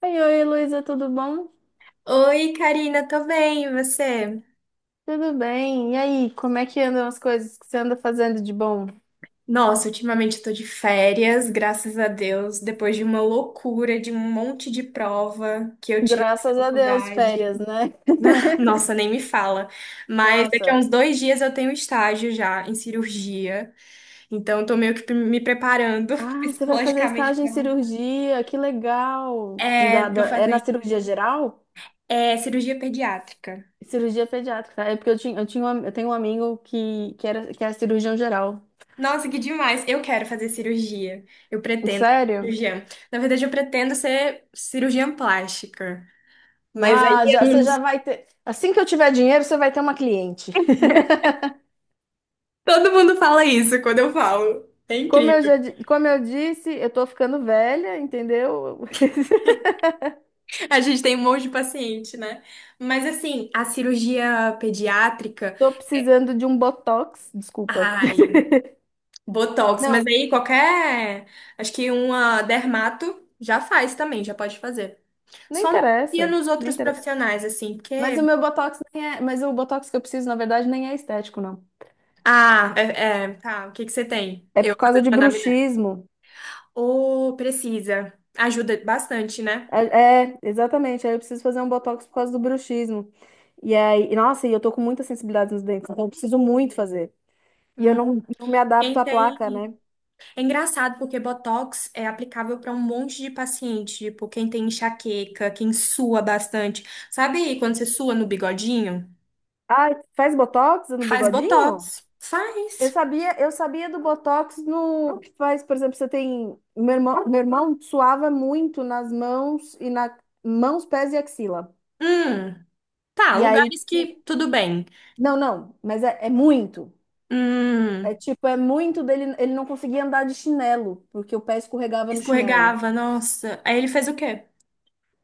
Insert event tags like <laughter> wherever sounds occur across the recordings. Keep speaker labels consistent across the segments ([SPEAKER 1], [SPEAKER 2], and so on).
[SPEAKER 1] Oi, oi, Luísa, tudo bom?
[SPEAKER 2] Oi, Karina, tô bem, e você?
[SPEAKER 1] Tudo bem. E aí, como é que andam as coisas que você anda fazendo de bom?
[SPEAKER 2] Nossa, ultimamente eu tô de férias, graças a Deus, depois de uma loucura, de um monte de prova que eu tive na
[SPEAKER 1] Graças a Deus,
[SPEAKER 2] faculdade.
[SPEAKER 1] férias, né?
[SPEAKER 2] <laughs> Nossa, nem me fala. Mas daqui a
[SPEAKER 1] Nossa.
[SPEAKER 2] uns 2 dias eu tenho estágio já em cirurgia, então eu tô meio que me preparando <laughs>
[SPEAKER 1] Ah, você vai fazer
[SPEAKER 2] psicologicamente
[SPEAKER 1] estágio em
[SPEAKER 2] pra.
[SPEAKER 1] cirurgia, que legal.
[SPEAKER 2] É, tô
[SPEAKER 1] É na
[SPEAKER 2] fazendo.
[SPEAKER 1] cirurgia geral?
[SPEAKER 2] É cirurgia pediátrica.
[SPEAKER 1] Cirurgia pediátrica, tá? É porque eu tenho um amigo que é cirurgião geral.
[SPEAKER 2] Nossa, que demais! Eu quero fazer cirurgia. Eu pretendo ser
[SPEAKER 1] Sério?
[SPEAKER 2] cirurgiã. Na verdade, eu pretendo ser cirurgiã plástica. Mas aí
[SPEAKER 1] Ah, já,
[SPEAKER 2] eu
[SPEAKER 1] você
[SPEAKER 2] não
[SPEAKER 1] já
[SPEAKER 2] sei.
[SPEAKER 1] vai ter. Assim que eu tiver dinheiro, você vai ter uma cliente. <laughs>
[SPEAKER 2] <laughs> Todo mundo fala isso quando eu falo. É incrível.
[SPEAKER 1] Como eu disse, eu tô ficando velha, entendeu? <laughs>
[SPEAKER 2] A gente tem um monte de paciente, né? Mas assim, a cirurgia pediátrica,
[SPEAKER 1] Tô precisando de um botox, desculpa. <laughs>
[SPEAKER 2] ai, botox,
[SPEAKER 1] Não,
[SPEAKER 2] mas aí qualquer, acho que uma dermato já faz também, já pode fazer.
[SPEAKER 1] não
[SPEAKER 2] Só não confia
[SPEAKER 1] interessa,
[SPEAKER 2] nos
[SPEAKER 1] não
[SPEAKER 2] outros
[SPEAKER 1] interessa.
[SPEAKER 2] profissionais assim, porque.
[SPEAKER 1] Mas o botox que eu preciso, na verdade, nem é estético, não.
[SPEAKER 2] Ah, é, é, tá. O que que você tem?
[SPEAKER 1] É
[SPEAKER 2] Eu
[SPEAKER 1] por causa de
[SPEAKER 2] fazendo anamnese.
[SPEAKER 1] bruxismo.
[SPEAKER 2] Ô, precisa. Ajuda bastante, né?
[SPEAKER 1] Exatamente. Aí eu preciso fazer um botox por causa do bruxismo. E aí, e, nossa, e eu tô com muita sensibilidade nos dentes, então eu preciso muito fazer. E eu
[SPEAKER 2] Hum,
[SPEAKER 1] não, não me adapto
[SPEAKER 2] Quem
[SPEAKER 1] à placa,
[SPEAKER 2] tem.
[SPEAKER 1] né?
[SPEAKER 2] É engraçado porque Botox é aplicável para um monte de paciente. Tipo, quem tem enxaqueca, quem sua bastante. Sabe quando você sua no bigodinho?
[SPEAKER 1] Ah, faz botox no
[SPEAKER 2] Faz
[SPEAKER 1] bigodinho?
[SPEAKER 2] Botox.
[SPEAKER 1] Eu
[SPEAKER 2] Faz.
[SPEAKER 1] sabia, eu sabia do Botox no que faz, por exemplo, você tem meu irmão suava muito nas mãos e na mãos, pés e axila.
[SPEAKER 2] Hum, tá.
[SPEAKER 1] E aí
[SPEAKER 2] Lugares
[SPEAKER 1] tinha,
[SPEAKER 2] que tudo bem.
[SPEAKER 1] não, não, mas é muito.
[SPEAKER 2] Hum,
[SPEAKER 1] É muito dele, ele não conseguia andar de chinelo, porque o pé escorregava no chinelo.
[SPEAKER 2] Escorregava, nossa. Aí ele fez o quê?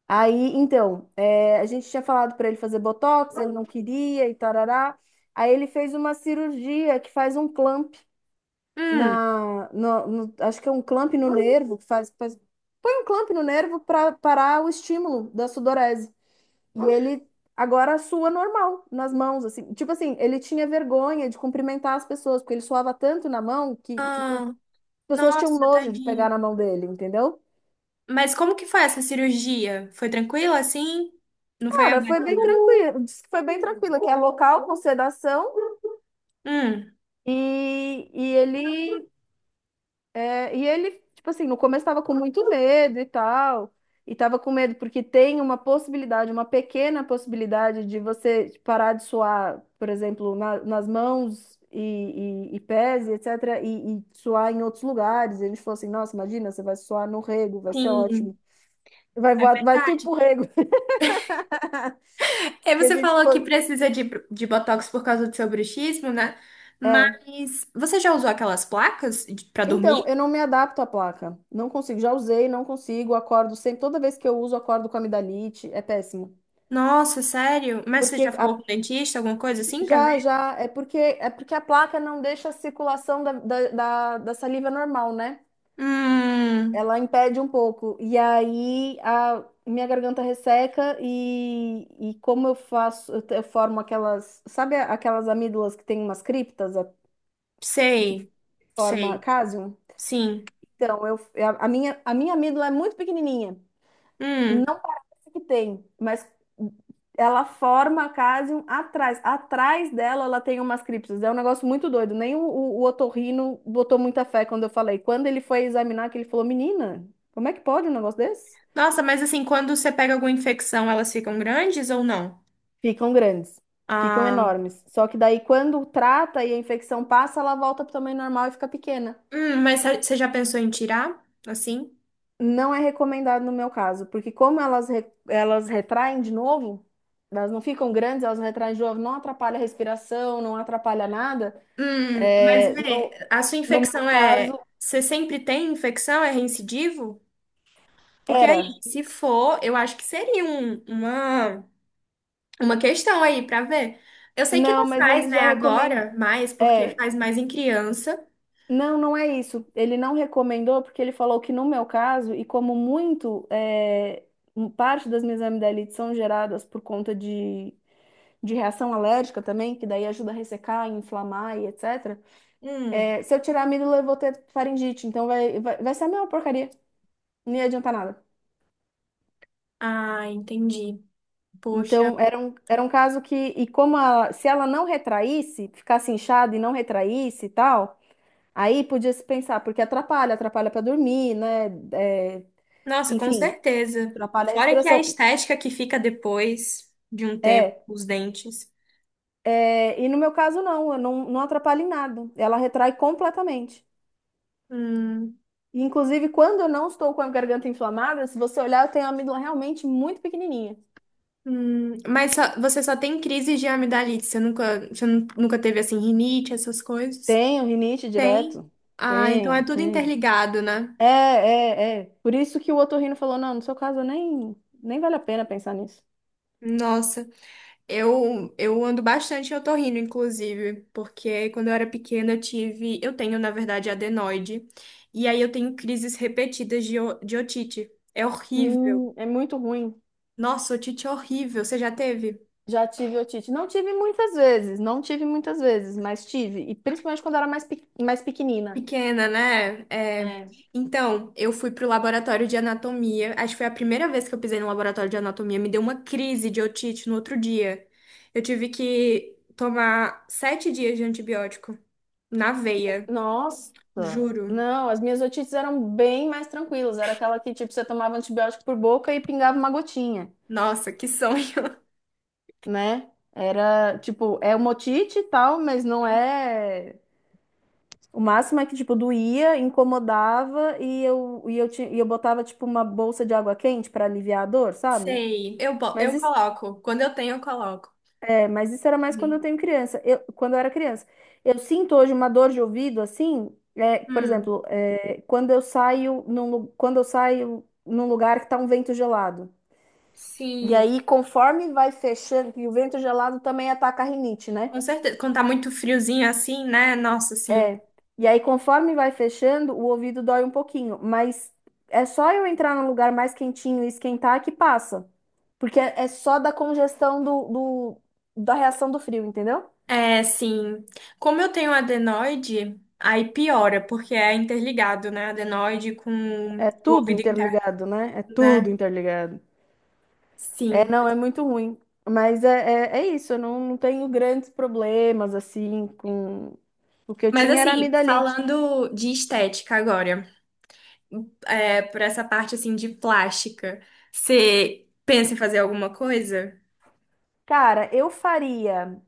[SPEAKER 1] Aí, então, é, a gente tinha falado para ele fazer Botox, ele não queria e tarará. Aí ele fez uma cirurgia que faz um
[SPEAKER 2] Hum,
[SPEAKER 1] na, no, no- acho que é um clamp no nervo põe um clamp no nervo para parar o estímulo da sudorese. E ele agora sua normal nas mãos, assim. Tipo assim, ele tinha vergonha de cumprimentar as pessoas, porque ele suava tanto na mão que, tipo,
[SPEAKER 2] ah,
[SPEAKER 1] as pessoas tinham
[SPEAKER 2] nossa,
[SPEAKER 1] nojo de
[SPEAKER 2] tadinho.
[SPEAKER 1] pegar na mão dele, entendeu?
[SPEAKER 2] Mas como que foi essa cirurgia? Foi tranquila assim? Não foi
[SPEAKER 1] Cara, foi
[SPEAKER 2] aberta?
[SPEAKER 1] bem tranquilo, disse que foi bem tranquilo, que é local com sedação
[SPEAKER 2] Hum,
[SPEAKER 1] e ele É, e ele, tipo assim, no começo estava com muito medo e tal, e estava com medo porque tem uma possibilidade, uma pequena possibilidade de você parar de suar, por exemplo, nas mãos e pés, e etc., e suar em outros lugares. E a gente falou assim, nossa, imagina, você vai suar no rego, vai ser
[SPEAKER 2] sim,
[SPEAKER 1] ótimo. Vai
[SPEAKER 2] é
[SPEAKER 1] voar, vai tudo
[SPEAKER 2] verdade.
[SPEAKER 1] pro rego. <laughs>
[SPEAKER 2] E
[SPEAKER 1] E a
[SPEAKER 2] você
[SPEAKER 1] gente
[SPEAKER 2] falou
[SPEAKER 1] ficou,
[SPEAKER 2] que precisa de botox por causa do seu bruxismo, né?
[SPEAKER 1] é.
[SPEAKER 2] Mas você já usou aquelas placas pra
[SPEAKER 1] Então,
[SPEAKER 2] dormir?
[SPEAKER 1] eu não me adapto à placa. Não consigo. Já usei, não consigo. Acordo sempre. Toda vez que eu uso, acordo com amidalite. É péssimo.
[SPEAKER 2] Nossa, sério? Mas você já
[SPEAKER 1] Porque a
[SPEAKER 2] falou com o dentista, alguma coisa assim pra ver?
[SPEAKER 1] É porque a placa não deixa a circulação da saliva normal, né?
[SPEAKER 2] Hum,
[SPEAKER 1] Ela impede um pouco. E aí a minha garganta resseca e como eu faço, eu formo aquelas, aquelas amígdalas que tem umas criptas a-
[SPEAKER 2] sei,
[SPEAKER 1] que forma
[SPEAKER 2] sei,
[SPEAKER 1] cásium?
[SPEAKER 2] sim.
[SPEAKER 1] Então, eu, a minha amígdala é muito pequenininha.
[SPEAKER 2] Hum.
[SPEAKER 1] Que tem, mas ela forma a cásium atrás. Atrás dela, ela tem umas criptas. É um negócio muito doido. Nem o otorrino botou muita fé quando eu falei. Quando ele foi examinar, que ele falou, menina, como é que pode um negócio desse?
[SPEAKER 2] Nossa, mas assim, quando você pega alguma infecção, elas ficam grandes ou não?
[SPEAKER 1] Ficam grandes, ficam
[SPEAKER 2] Ah,
[SPEAKER 1] enormes. Só que daí, quando trata e a infecção passa, ela volta para o tamanho normal e fica pequena.
[SPEAKER 2] mas você já pensou em tirar? Assim?
[SPEAKER 1] Não é recomendado no meu caso, porque elas retraem de novo, elas não ficam grandes, elas retraem de novo, não atrapalha a respiração, não atrapalha nada.
[SPEAKER 2] Mas
[SPEAKER 1] É,
[SPEAKER 2] vê,
[SPEAKER 1] no,
[SPEAKER 2] a sua
[SPEAKER 1] no meu
[SPEAKER 2] infecção é.
[SPEAKER 1] caso,
[SPEAKER 2] Você sempre tem infecção? É reincidivo? Porque aí,
[SPEAKER 1] era.
[SPEAKER 2] se for, eu acho que seria uma questão aí pra ver. Eu sei que
[SPEAKER 1] Não,
[SPEAKER 2] não
[SPEAKER 1] mas
[SPEAKER 2] faz,
[SPEAKER 1] ele
[SPEAKER 2] né,
[SPEAKER 1] já recomendou.
[SPEAKER 2] agora, mais, porque
[SPEAKER 1] É,
[SPEAKER 2] faz mais em criança.
[SPEAKER 1] não, não é isso. Ele não recomendou porque ele falou que no meu caso, e como muito, é, parte das minhas amidalites são geradas por conta de reação alérgica também, que daí ajuda a ressecar, inflamar e etc.
[SPEAKER 2] Hum,
[SPEAKER 1] É, se eu tirar a amígdala eu vou ter faringite. Então vai ser a mesma porcaria. Não ia adiantar nada.
[SPEAKER 2] ah, entendi. Poxa,
[SPEAKER 1] Então, era um caso que, e como se ela não retraísse, ficasse inchada e não retraísse e tal, aí podia se pensar, porque atrapalha, atrapalha para dormir, né? É,
[SPEAKER 2] nossa, com
[SPEAKER 1] enfim,
[SPEAKER 2] certeza.
[SPEAKER 1] atrapalha a
[SPEAKER 2] Fora que a
[SPEAKER 1] respiração.
[SPEAKER 2] estética que fica depois de um tempo,
[SPEAKER 1] É,
[SPEAKER 2] os dentes.
[SPEAKER 1] é, e no meu caso, não, eu não, não atrapalha em nada. Ela retrai completamente.
[SPEAKER 2] Hum.
[SPEAKER 1] E, inclusive, quando eu não estou com a garganta inflamada, se você olhar, eu tenho a amígdola realmente muito pequenininha.
[SPEAKER 2] Mas você só tem crise de amidalite, você nunca, você nu- nunca teve assim rinite, essas coisas?
[SPEAKER 1] Tenho rinite
[SPEAKER 2] Tem?
[SPEAKER 1] direto.
[SPEAKER 2] Ah, então é tudo
[SPEAKER 1] Tenho.
[SPEAKER 2] interligado, né?
[SPEAKER 1] É, é, é. Por isso que o otorrino falou, não, no seu caso nem, nem vale a pena pensar nisso.
[SPEAKER 2] Nossa, eu ando bastante otorrino, inclusive, porque quando eu era pequena eu tive, eu tenho na verdade adenoide, e aí eu tenho crises repetidas de otite. É horrível.
[SPEAKER 1] É muito ruim.
[SPEAKER 2] Nossa, otite é horrível. Você já teve?
[SPEAKER 1] Já tive otite. Não tive muitas vezes, mas tive. E principalmente quando era mais, mais pequenina.
[SPEAKER 2] Pequena, né? É.
[SPEAKER 1] É.
[SPEAKER 2] Então, eu fui pro laboratório de anatomia. Acho que foi a primeira vez que eu pisei no laboratório de anatomia. Me deu uma crise de otite no outro dia. Eu tive que tomar 7 dias de antibiótico na veia,
[SPEAKER 1] Nossa!
[SPEAKER 2] juro.
[SPEAKER 1] Não, as minhas otites eram bem mais tranquilas. Era aquela que, tipo, você tomava antibiótico por boca e pingava uma gotinha,
[SPEAKER 2] Nossa, que sonho. <laughs>
[SPEAKER 1] né? Era, tipo, é uma otite e tal, mas não é. O máximo é que, tipo, doía, incomodava e eu botava, tipo, uma bolsa de água quente para aliviar a dor, sabe?
[SPEAKER 2] Sei.
[SPEAKER 1] Mas
[SPEAKER 2] Eu
[SPEAKER 1] isso,
[SPEAKER 2] coloco. Quando eu tenho, eu coloco.
[SPEAKER 1] mas isso era mais
[SPEAKER 2] Bem.
[SPEAKER 1] quando eu era criança. Eu sinto hoje uma dor de ouvido, assim, é, por
[SPEAKER 2] Hum,
[SPEAKER 1] exemplo, é, quando eu saio num lugar que tá um vento gelado. E
[SPEAKER 2] sim,
[SPEAKER 1] aí, conforme vai fechando, e o vento gelado também ataca a rinite, né?
[SPEAKER 2] com certeza. Quando tá muito friozinho assim, né? Nossa, sim.
[SPEAKER 1] É, e aí conforme vai fechando, o ouvido dói um pouquinho, mas é só eu entrar num lugar mais quentinho e esquentar que passa. Porque é só da congestão da reação do frio, entendeu?
[SPEAKER 2] É, sim. Como eu tenho adenoide, aí piora, porque é interligado, né? Adenoide com
[SPEAKER 1] É
[SPEAKER 2] o
[SPEAKER 1] tudo
[SPEAKER 2] ouvido interno,
[SPEAKER 1] interligado, né? É tudo
[SPEAKER 2] né?
[SPEAKER 1] interligado. É,
[SPEAKER 2] Sim.
[SPEAKER 1] não, é muito ruim. Mas é, é, é isso, eu não, não tenho grandes problemas assim com. O que eu
[SPEAKER 2] Mas
[SPEAKER 1] tinha era
[SPEAKER 2] assim,
[SPEAKER 1] amidalite.
[SPEAKER 2] falando de estética agora, por essa parte assim de plástica, você pensa em fazer alguma coisa?
[SPEAKER 1] Cara, eu faria.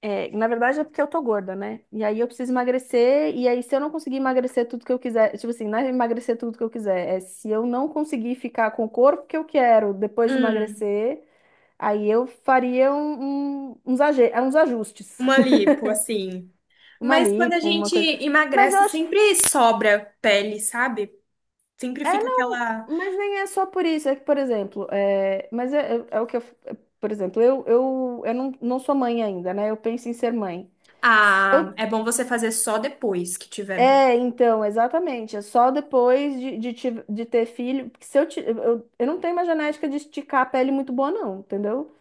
[SPEAKER 1] É, na verdade é porque eu tô gorda, né? E aí eu preciso emagrecer, e aí se eu não conseguir emagrecer tudo que eu quiser, tipo assim, não é emagrecer tudo que eu quiser, é se eu não conseguir ficar com o corpo que eu quero depois de
[SPEAKER 2] Hum,
[SPEAKER 1] emagrecer, aí eu faria uns ajustes.
[SPEAKER 2] uma
[SPEAKER 1] <laughs>
[SPEAKER 2] lipo, assim.
[SPEAKER 1] Uma
[SPEAKER 2] Mas quando a
[SPEAKER 1] lipo, uma
[SPEAKER 2] gente
[SPEAKER 1] coisa. Mas eu
[SPEAKER 2] emagrece, sempre
[SPEAKER 1] acho.
[SPEAKER 2] sobra pele, sabe? Sempre
[SPEAKER 1] É,
[SPEAKER 2] fica
[SPEAKER 1] não,
[SPEAKER 2] aquela.
[SPEAKER 1] mas nem é só por isso. É que, por exemplo, é, mas é, é o que eu. Por exemplo, eu não, não sou mãe ainda, né? Eu penso em ser mãe. Se
[SPEAKER 2] Ah,
[SPEAKER 1] eu
[SPEAKER 2] é bom você fazer só depois que tiver.
[SPEAKER 1] É, então, exatamente. É só depois de ter filho. Porque se eu, ti- eu não tenho uma genética de esticar a pele muito boa, não, entendeu?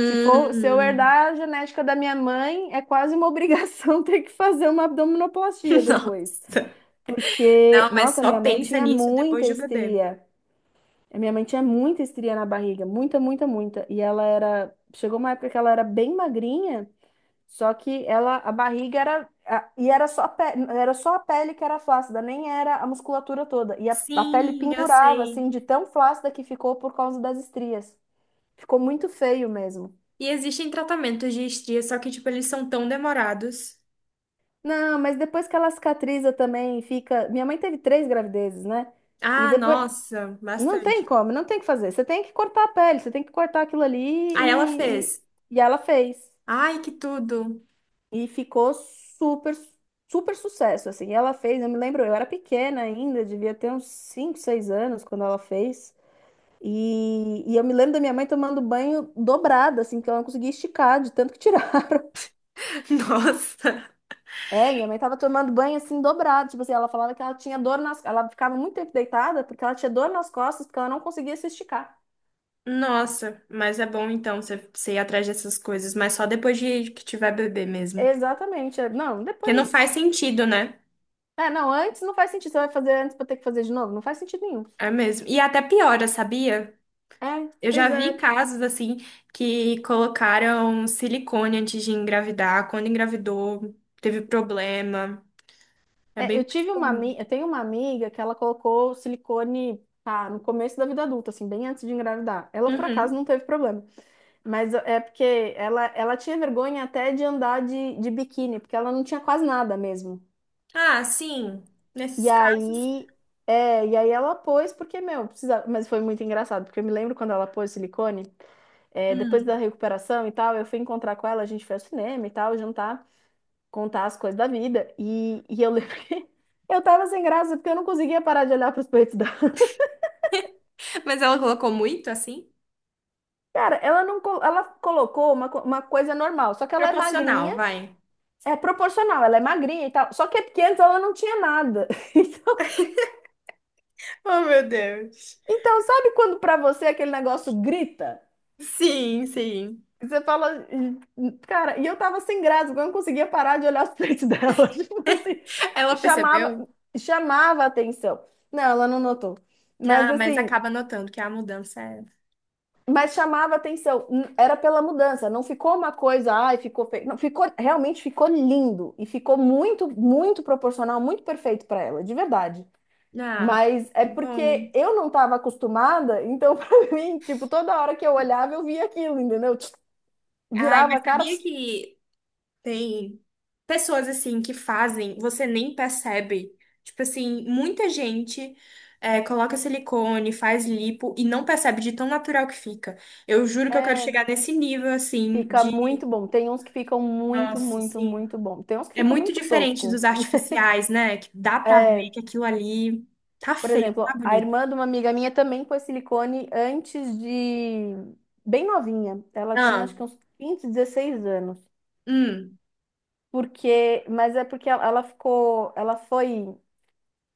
[SPEAKER 1] Se for, se eu herdar a genética da minha mãe, é quase uma <laughs> obrigação ter que fazer uma abdominoplastia
[SPEAKER 2] <laughs>
[SPEAKER 1] depois.
[SPEAKER 2] Nossa.
[SPEAKER 1] Porque,
[SPEAKER 2] Não, mas
[SPEAKER 1] nossa,
[SPEAKER 2] só
[SPEAKER 1] minha mãe
[SPEAKER 2] pensa
[SPEAKER 1] tinha
[SPEAKER 2] nisso
[SPEAKER 1] muita
[SPEAKER 2] depois do bebê.
[SPEAKER 1] estria. A minha mãe tinha muita estria na barriga, muita, muita, muita. E ela era. Chegou uma época que ela era bem magrinha. Só que ela, a barriga era, e era só a pele, era só a pele que era flácida, nem era a musculatura toda. E a pele
[SPEAKER 2] Sim, eu
[SPEAKER 1] pendurava,
[SPEAKER 2] sei.
[SPEAKER 1] assim, de tão flácida que ficou por causa das estrias. Ficou muito feio mesmo.
[SPEAKER 2] E existem tratamentos de estria, só que, tipo, eles são tão demorados.
[SPEAKER 1] Não, mas depois que ela cicatriza também, fica. Minha mãe teve 3 gravidezes, né? E
[SPEAKER 2] Ah,
[SPEAKER 1] depois.
[SPEAKER 2] nossa,
[SPEAKER 1] Não tem
[SPEAKER 2] bastante.
[SPEAKER 1] como, não tem o que fazer. Você tem que cortar a pele, você tem que cortar aquilo ali
[SPEAKER 2] Ah, ela fez.
[SPEAKER 1] e ela fez.
[SPEAKER 2] Ai, que tudo.
[SPEAKER 1] E ficou super, super sucesso, assim. Ela fez, eu me lembro, eu era pequena ainda, devia ter uns 5 ou 6 anos quando ela fez. E eu me lembro da minha mãe tomando banho dobrada assim, que ela não conseguia esticar de tanto que tirar. <laughs>
[SPEAKER 2] <laughs> Nossa.
[SPEAKER 1] É, minha mãe tava tomando banho assim dobrado, tipo assim, ela falava que ela tinha dor nas, ela ficava muito tempo deitada porque ela tinha dor nas costas, porque ela não conseguia se esticar.
[SPEAKER 2] Nossa, mas é bom então você ir atrás dessas coisas, mas só depois de que tiver bebê mesmo.
[SPEAKER 1] Exatamente. É, não,
[SPEAKER 2] Porque não faz
[SPEAKER 1] depois.
[SPEAKER 2] sentido, né?
[SPEAKER 1] É, não, antes não faz sentido. Você vai fazer antes pra ter que fazer de novo? Não faz sentido nenhum.
[SPEAKER 2] É mesmo. E até piora, sabia?
[SPEAKER 1] É,
[SPEAKER 2] Eu já
[SPEAKER 1] pois
[SPEAKER 2] vi
[SPEAKER 1] é.
[SPEAKER 2] casos assim que colocaram silicone antes de engravidar. Quando engravidou, teve problema. É
[SPEAKER 1] É,
[SPEAKER 2] bem mais comum.
[SPEAKER 1] eu tenho uma amiga que ela colocou silicone, pá, no começo da vida adulta, assim, bem antes de engravidar. Ela por acaso
[SPEAKER 2] Uhum.
[SPEAKER 1] não teve problema, mas é porque ela tinha vergonha até de andar de biquíni, porque ela não tinha quase nada mesmo.
[SPEAKER 2] Ah, sim.
[SPEAKER 1] E
[SPEAKER 2] Nesses casos.
[SPEAKER 1] aí, é, e aí ela pôs porque, meu, precisava, mas foi muito engraçado, porque eu me lembro quando ela pôs silicone, é, depois
[SPEAKER 2] Hum.
[SPEAKER 1] da recuperação e tal, eu fui encontrar com ela, a gente foi ao cinema e tal, jantar contar as coisas da vida. E eu lembro que <laughs> eu tava sem graça porque eu não conseguia parar de olhar pros peitos dela.
[SPEAKER 2] Mas ela colocou muito assim?
[SPEAKER 1] Cara, ela não, co- ela colocou uma coisa normal, só que ela é
[SPEAKER 2] Proporcional,
[SPEAKER 1] magrinha,
[SPEAKER 2] vai.
[SPEAKER 1] é proporcional, ela é magrinha e tal. Só que é porque antes ela não tinha nada. <laughs> Então,
[SPEAKER 2] Oh, meu Deus.
[SPEAKER 1] então sabe quando pra você aquele negócio grita?
[SPEAKER 2] Sim, sim.
[SPEAKER 1] Você fala, "Ih, cara, e eu tava sem graça, porque eu não conseguia parar de olhar os peitos dela. <laughs> Tipo assim,
[SPEAKER 2] Ela
[SPEAKER 1] chamava,
[SPEAKER 2] percebeu?
[SPEAKER 1] chamava a atenção. Não, ela não notou.
[SPEAKER 2] Ah,
[SPEAKER 1] Mas
[SPEAKER 2] mas
[SPEAKER 1] assim,
[SPEAKER 2] acaba notando que a mudança é.
[SPEAKER 1] Mas chamava atenção, era pela mudança, não ficou uma coisa, ai, ficou feio. Não, realmente ficou lindo e ficou muito, muito proporcional, muito perfeito para ela, de verdade.
[SPEAKER 2] Ah,
[SPEAKER 1] Mas é
[SPEAKER 2] que bom.
[SPEAKER 1] porque eu não estava acostumada, então <laughs> para mim, tipo, toda hora que eu olhava, eu via aquilo, entendeu? Tch,
[SPEAKER 2] Ai,
[SPEAKER 1] virava
[SPEAKER 2] mas
[SPEAKER 1] a cara,
[SPEAKER 2] sabia
[SPEAKER 1] tch,
[SPEAKER 2] que tem pessoas assim que fazem, você nem percebe. Tipo assim, muita gente coloca silicone, faz lipo e não percebe de tão natural que fica. Eu juro que eu quero
[SPEAKER 1] é,
[SPEAKER 2] chegar nesse nível assim
[SPEAKER 1] fica
[SPEAKER 2] de,
[SPEAKER 1] muito bom. Tem uns que ficam muito,
[SPEAKER 2] nossa,
[SPEAKER 1] muito,
[SPEAKER 2] sim,
[SPEAKER 1] muito bom. Tem uns que
[SPEAKER 2] é
[SPEAKER 1] ficam
[SPEAKER 2] muito
[SPEAKER 1] muito
[SPEAKER 2] diferente
[SPEAKER 1] tosco.
[SPEAKER 2] dos artificiais, né? Que dá pra ver
[SPEAKER 1] É.
[SPEAKER 2] que aquilo ali tá
[SPEAKER 1] Por
[SPEAKER 2] feio, tá
[SPEAKER 1] exemplo, a
[SPEAKER 2] bonito.
[SPEAKER 1] irmã de uma amiga minha também pôs silicone antes de bem novinha. Ela tinha
[SPEAKER 2] Ah,
[SPEAKER 1] acho que uns 15 16 anos.
[SPEAKER 2] hum,
[SPEAKER 1] Porque, mas é porque ela ficou, ela foi,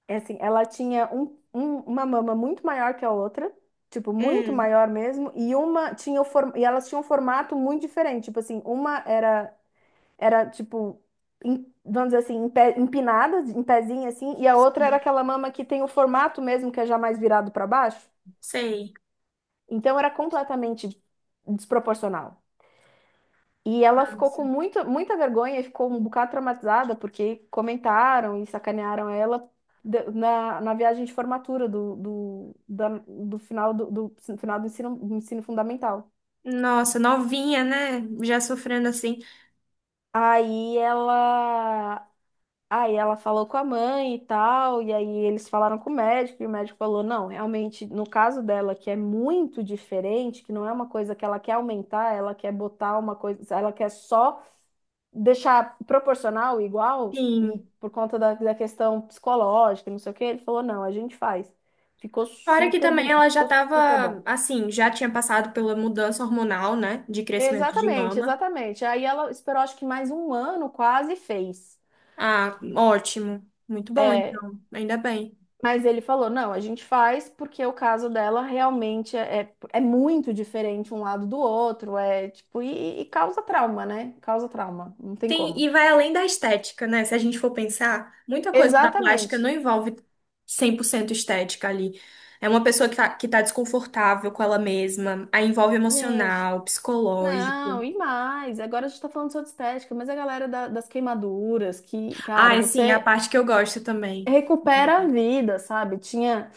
[SPEAKER 1] é assim, ela tinha uma mama muito maior que a outra, tipo, muito
[SPEAKER 2] hum,
[SPEAKER 1] maior mesmo, e uma tinha e elas tinham um formato muito diferente, tipo assim, uma era era tipo vamos dizer assim, empinada, em pezinho assim, e a outra era
[SPEAKER 2] sim,
[SPEAKER 1] aquela mama que tem o formato mesmo que é já mais virado para baixo.
[SPEAKER 2] sei.
[SPEAKER 1] Então era completamente desproporcional. E ela ficou com muito muita vergonha e ficou um bocado traumatizada porque comentaram e sacanearam ela na viagem de formatura do final do ensino fundamental.
[SPEAKER 2] Nossa, novinha, né? Já sofrendo assim.
[SPEAKER 1] Aí ela, aí ela falou com a mãe e tal, e aí eles falaram com o médico, e o médico falou: não, realmente, no caso dela, que é muito diferente, que não é uma coisa que ela quer aumentar, ela quer botar uma coisa, ela quer só deixar proporcional igual e
[SPEAKER 2] Sim.
[SPEAKER 1] por conta da questão psicológica, não sei o que ele falou, não, a gente faz. Ficou
[SPEAKER 2] Fora que
[SPEAKER 1] super
[SPEAKER 2] também
[SPEAKER 1] bonito,
[SPEAKER 2] ela já
[SPEAKER 1] ficou super
[SPEAKER 2] estava,
[SPEAKER 1] bom.
[SPEAKER 2] assim, já tinha passado pela mudança hormonal, né? De crescimento de
[SPEAKER 1] Exatamente,
[SPEAKER 2] mama.
[SPEAKER 1] exatamente. Aí ela esperou acho que mais um ano quase e fez.
[SPEAKER 2] Ah, ótimo. Muito bom,
[SPEAKER 1] É,
[SPEAKER 2] então. Ainda bem.
[SPEAKER 1] mas ele falou, não, a gente faz porque o caso dela realmente é muito diferente um lado do outro, é tipo, e causa trauma, né? Causa trauma, não tem
[SPEAKER 2] Tem,
[SPEAKER 1] como.
[SPEAKER 2] e vai além da estética, né? Se a gente for pensar, muita coisa da plástica não
[SPEAKER 1] Exatamente.
[SPEAKER 2] envolve 100% estética ali. É uma pessoa que tá, desconfortável com ela mesma. Aí envolve
[SPEAKER 1] Gente,
[SPEAKER 2] emocional,
[SPEAKER 1] não,
[SPEAKER 2] psicológico.
[SPEAKER 1] e mais. Agora a gente tá falando só de estética, mas a galera das queimaduras, que,
[SPEAKER 2] Ah,
[SPEAKER 1] cara,
[SPEAKER 2] e sim, é a
[SPEAKER 1] você
[SPEAKER 2] parte que eu gosto também.
[SPEAKER 1] recupera a vida, sabe? Tinha.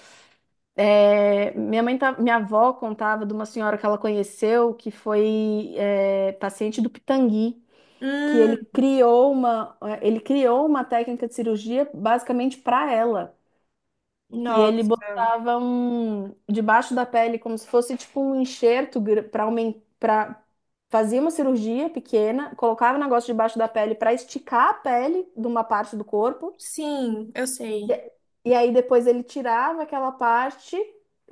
[SPEAKER 1] É, minha avó contava de uma senhora que ela conheceu que foi paciente do Pitangui, que ele
[SPEAKER 2] Hum,
[SPEAKER 1] criou uma, é, ele criou uma técnica de cirurgia basicamente para ela, que ele
[SPEAKER 2] nossa.
[SPEAKER 1] botava um debaixo da pele como se fosse tipo um enxerto para aumentar, fazia uma cirurgia pequena, colocava o negócio debaixo da pele para esticar a pele de uma parte do corpo
[SPEAKER 2] Sim, eu sei.
[SPEAKER 1] e, e aí depois ele tirava aquela parte,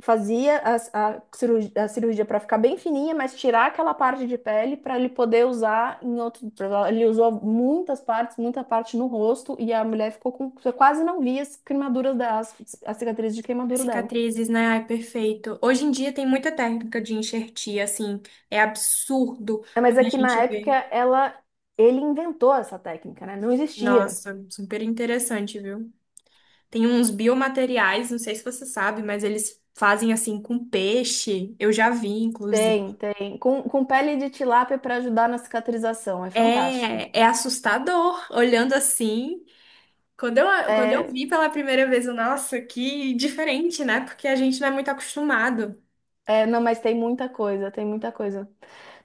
[SPEAKER 1] fazia a cirurgia para ficar bem fininha, mas tirar aquela parte de pele para ele poder usar em outro. Ele usou muitas partes, muita parte no rosto, e a mulher ficou com. Você quase não via as queimaduras das, as as cicatrizes de queimadura dela.
[SPEAKER 2] Cicatrizes, né? Ai, perfeito. Hoje em dia tem muita técnica de enxertia, assim, é absurdo
[SPEAKER 1] É, mas é
[SPEAKER 2] quando a
[SPEAKER 1] que
[SPEAKER 2] gente
[SPEAKER 1] na época
[SPEAKER 2] vê.
[SPEAKER 1] ela, ele inventou essa técnica, né? Não existia.
[SPEAKER 2] Nossa, super interessante, viu? Tem uns biomateriais, não sei se você sabe, mas eles fazem assim com peixe. Eu já vi,
[SPEAKER 1] Tem,
[SPEAKER 2] inclusive.
[SPEAKER 1] tem. Com pele de tilápia para ajudar na cicatrização. É fantástico.
[SPEAKER 2] É, é assustador olhando assim. Quando eu
[SPEAKER 1] É.
[SPEAKER 2] vi pela primeira vez, eu, nossa, que diferente, né? Porque a gente não é muito acostumado. <laughs>
[SPEAKER 1] É, não, mas tem muita coisa, tem muita coisa.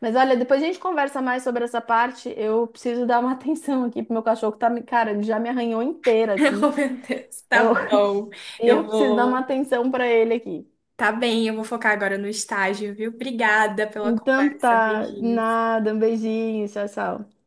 [SPEAKER 1] Mas olha, depois a gente conversa mais sobre essa parte. Eu preciso dar uma <laughs> atenção aqui pro meu cachorro que tá, cara, ele já me arranhou inteira aqui.
[SPEAKER 2] Oh, meu Deus, tá
[SPEAKER 1] Eu,
[SPEAKER 2] bom.
[SPEAKER 1] <laughs>
[SPEAKER 2] Eu
[SPEAKER 1] eu preciso dar uma
[SPEAKER 2] vou.
[SPEAKER 1] atenção pra ele aqui.
[SPEAKER 2] Tá bem, eu vou focar agora no estágio, viu? Obrigada pela
[SPEAKER 1] Então
[SPEAKER 2] conversa.
[SPEAKER 1] tá,
[SPEAKER 2] Beijinho.
[SPEAKER 1] nada, um beijinho, tchau, tchau.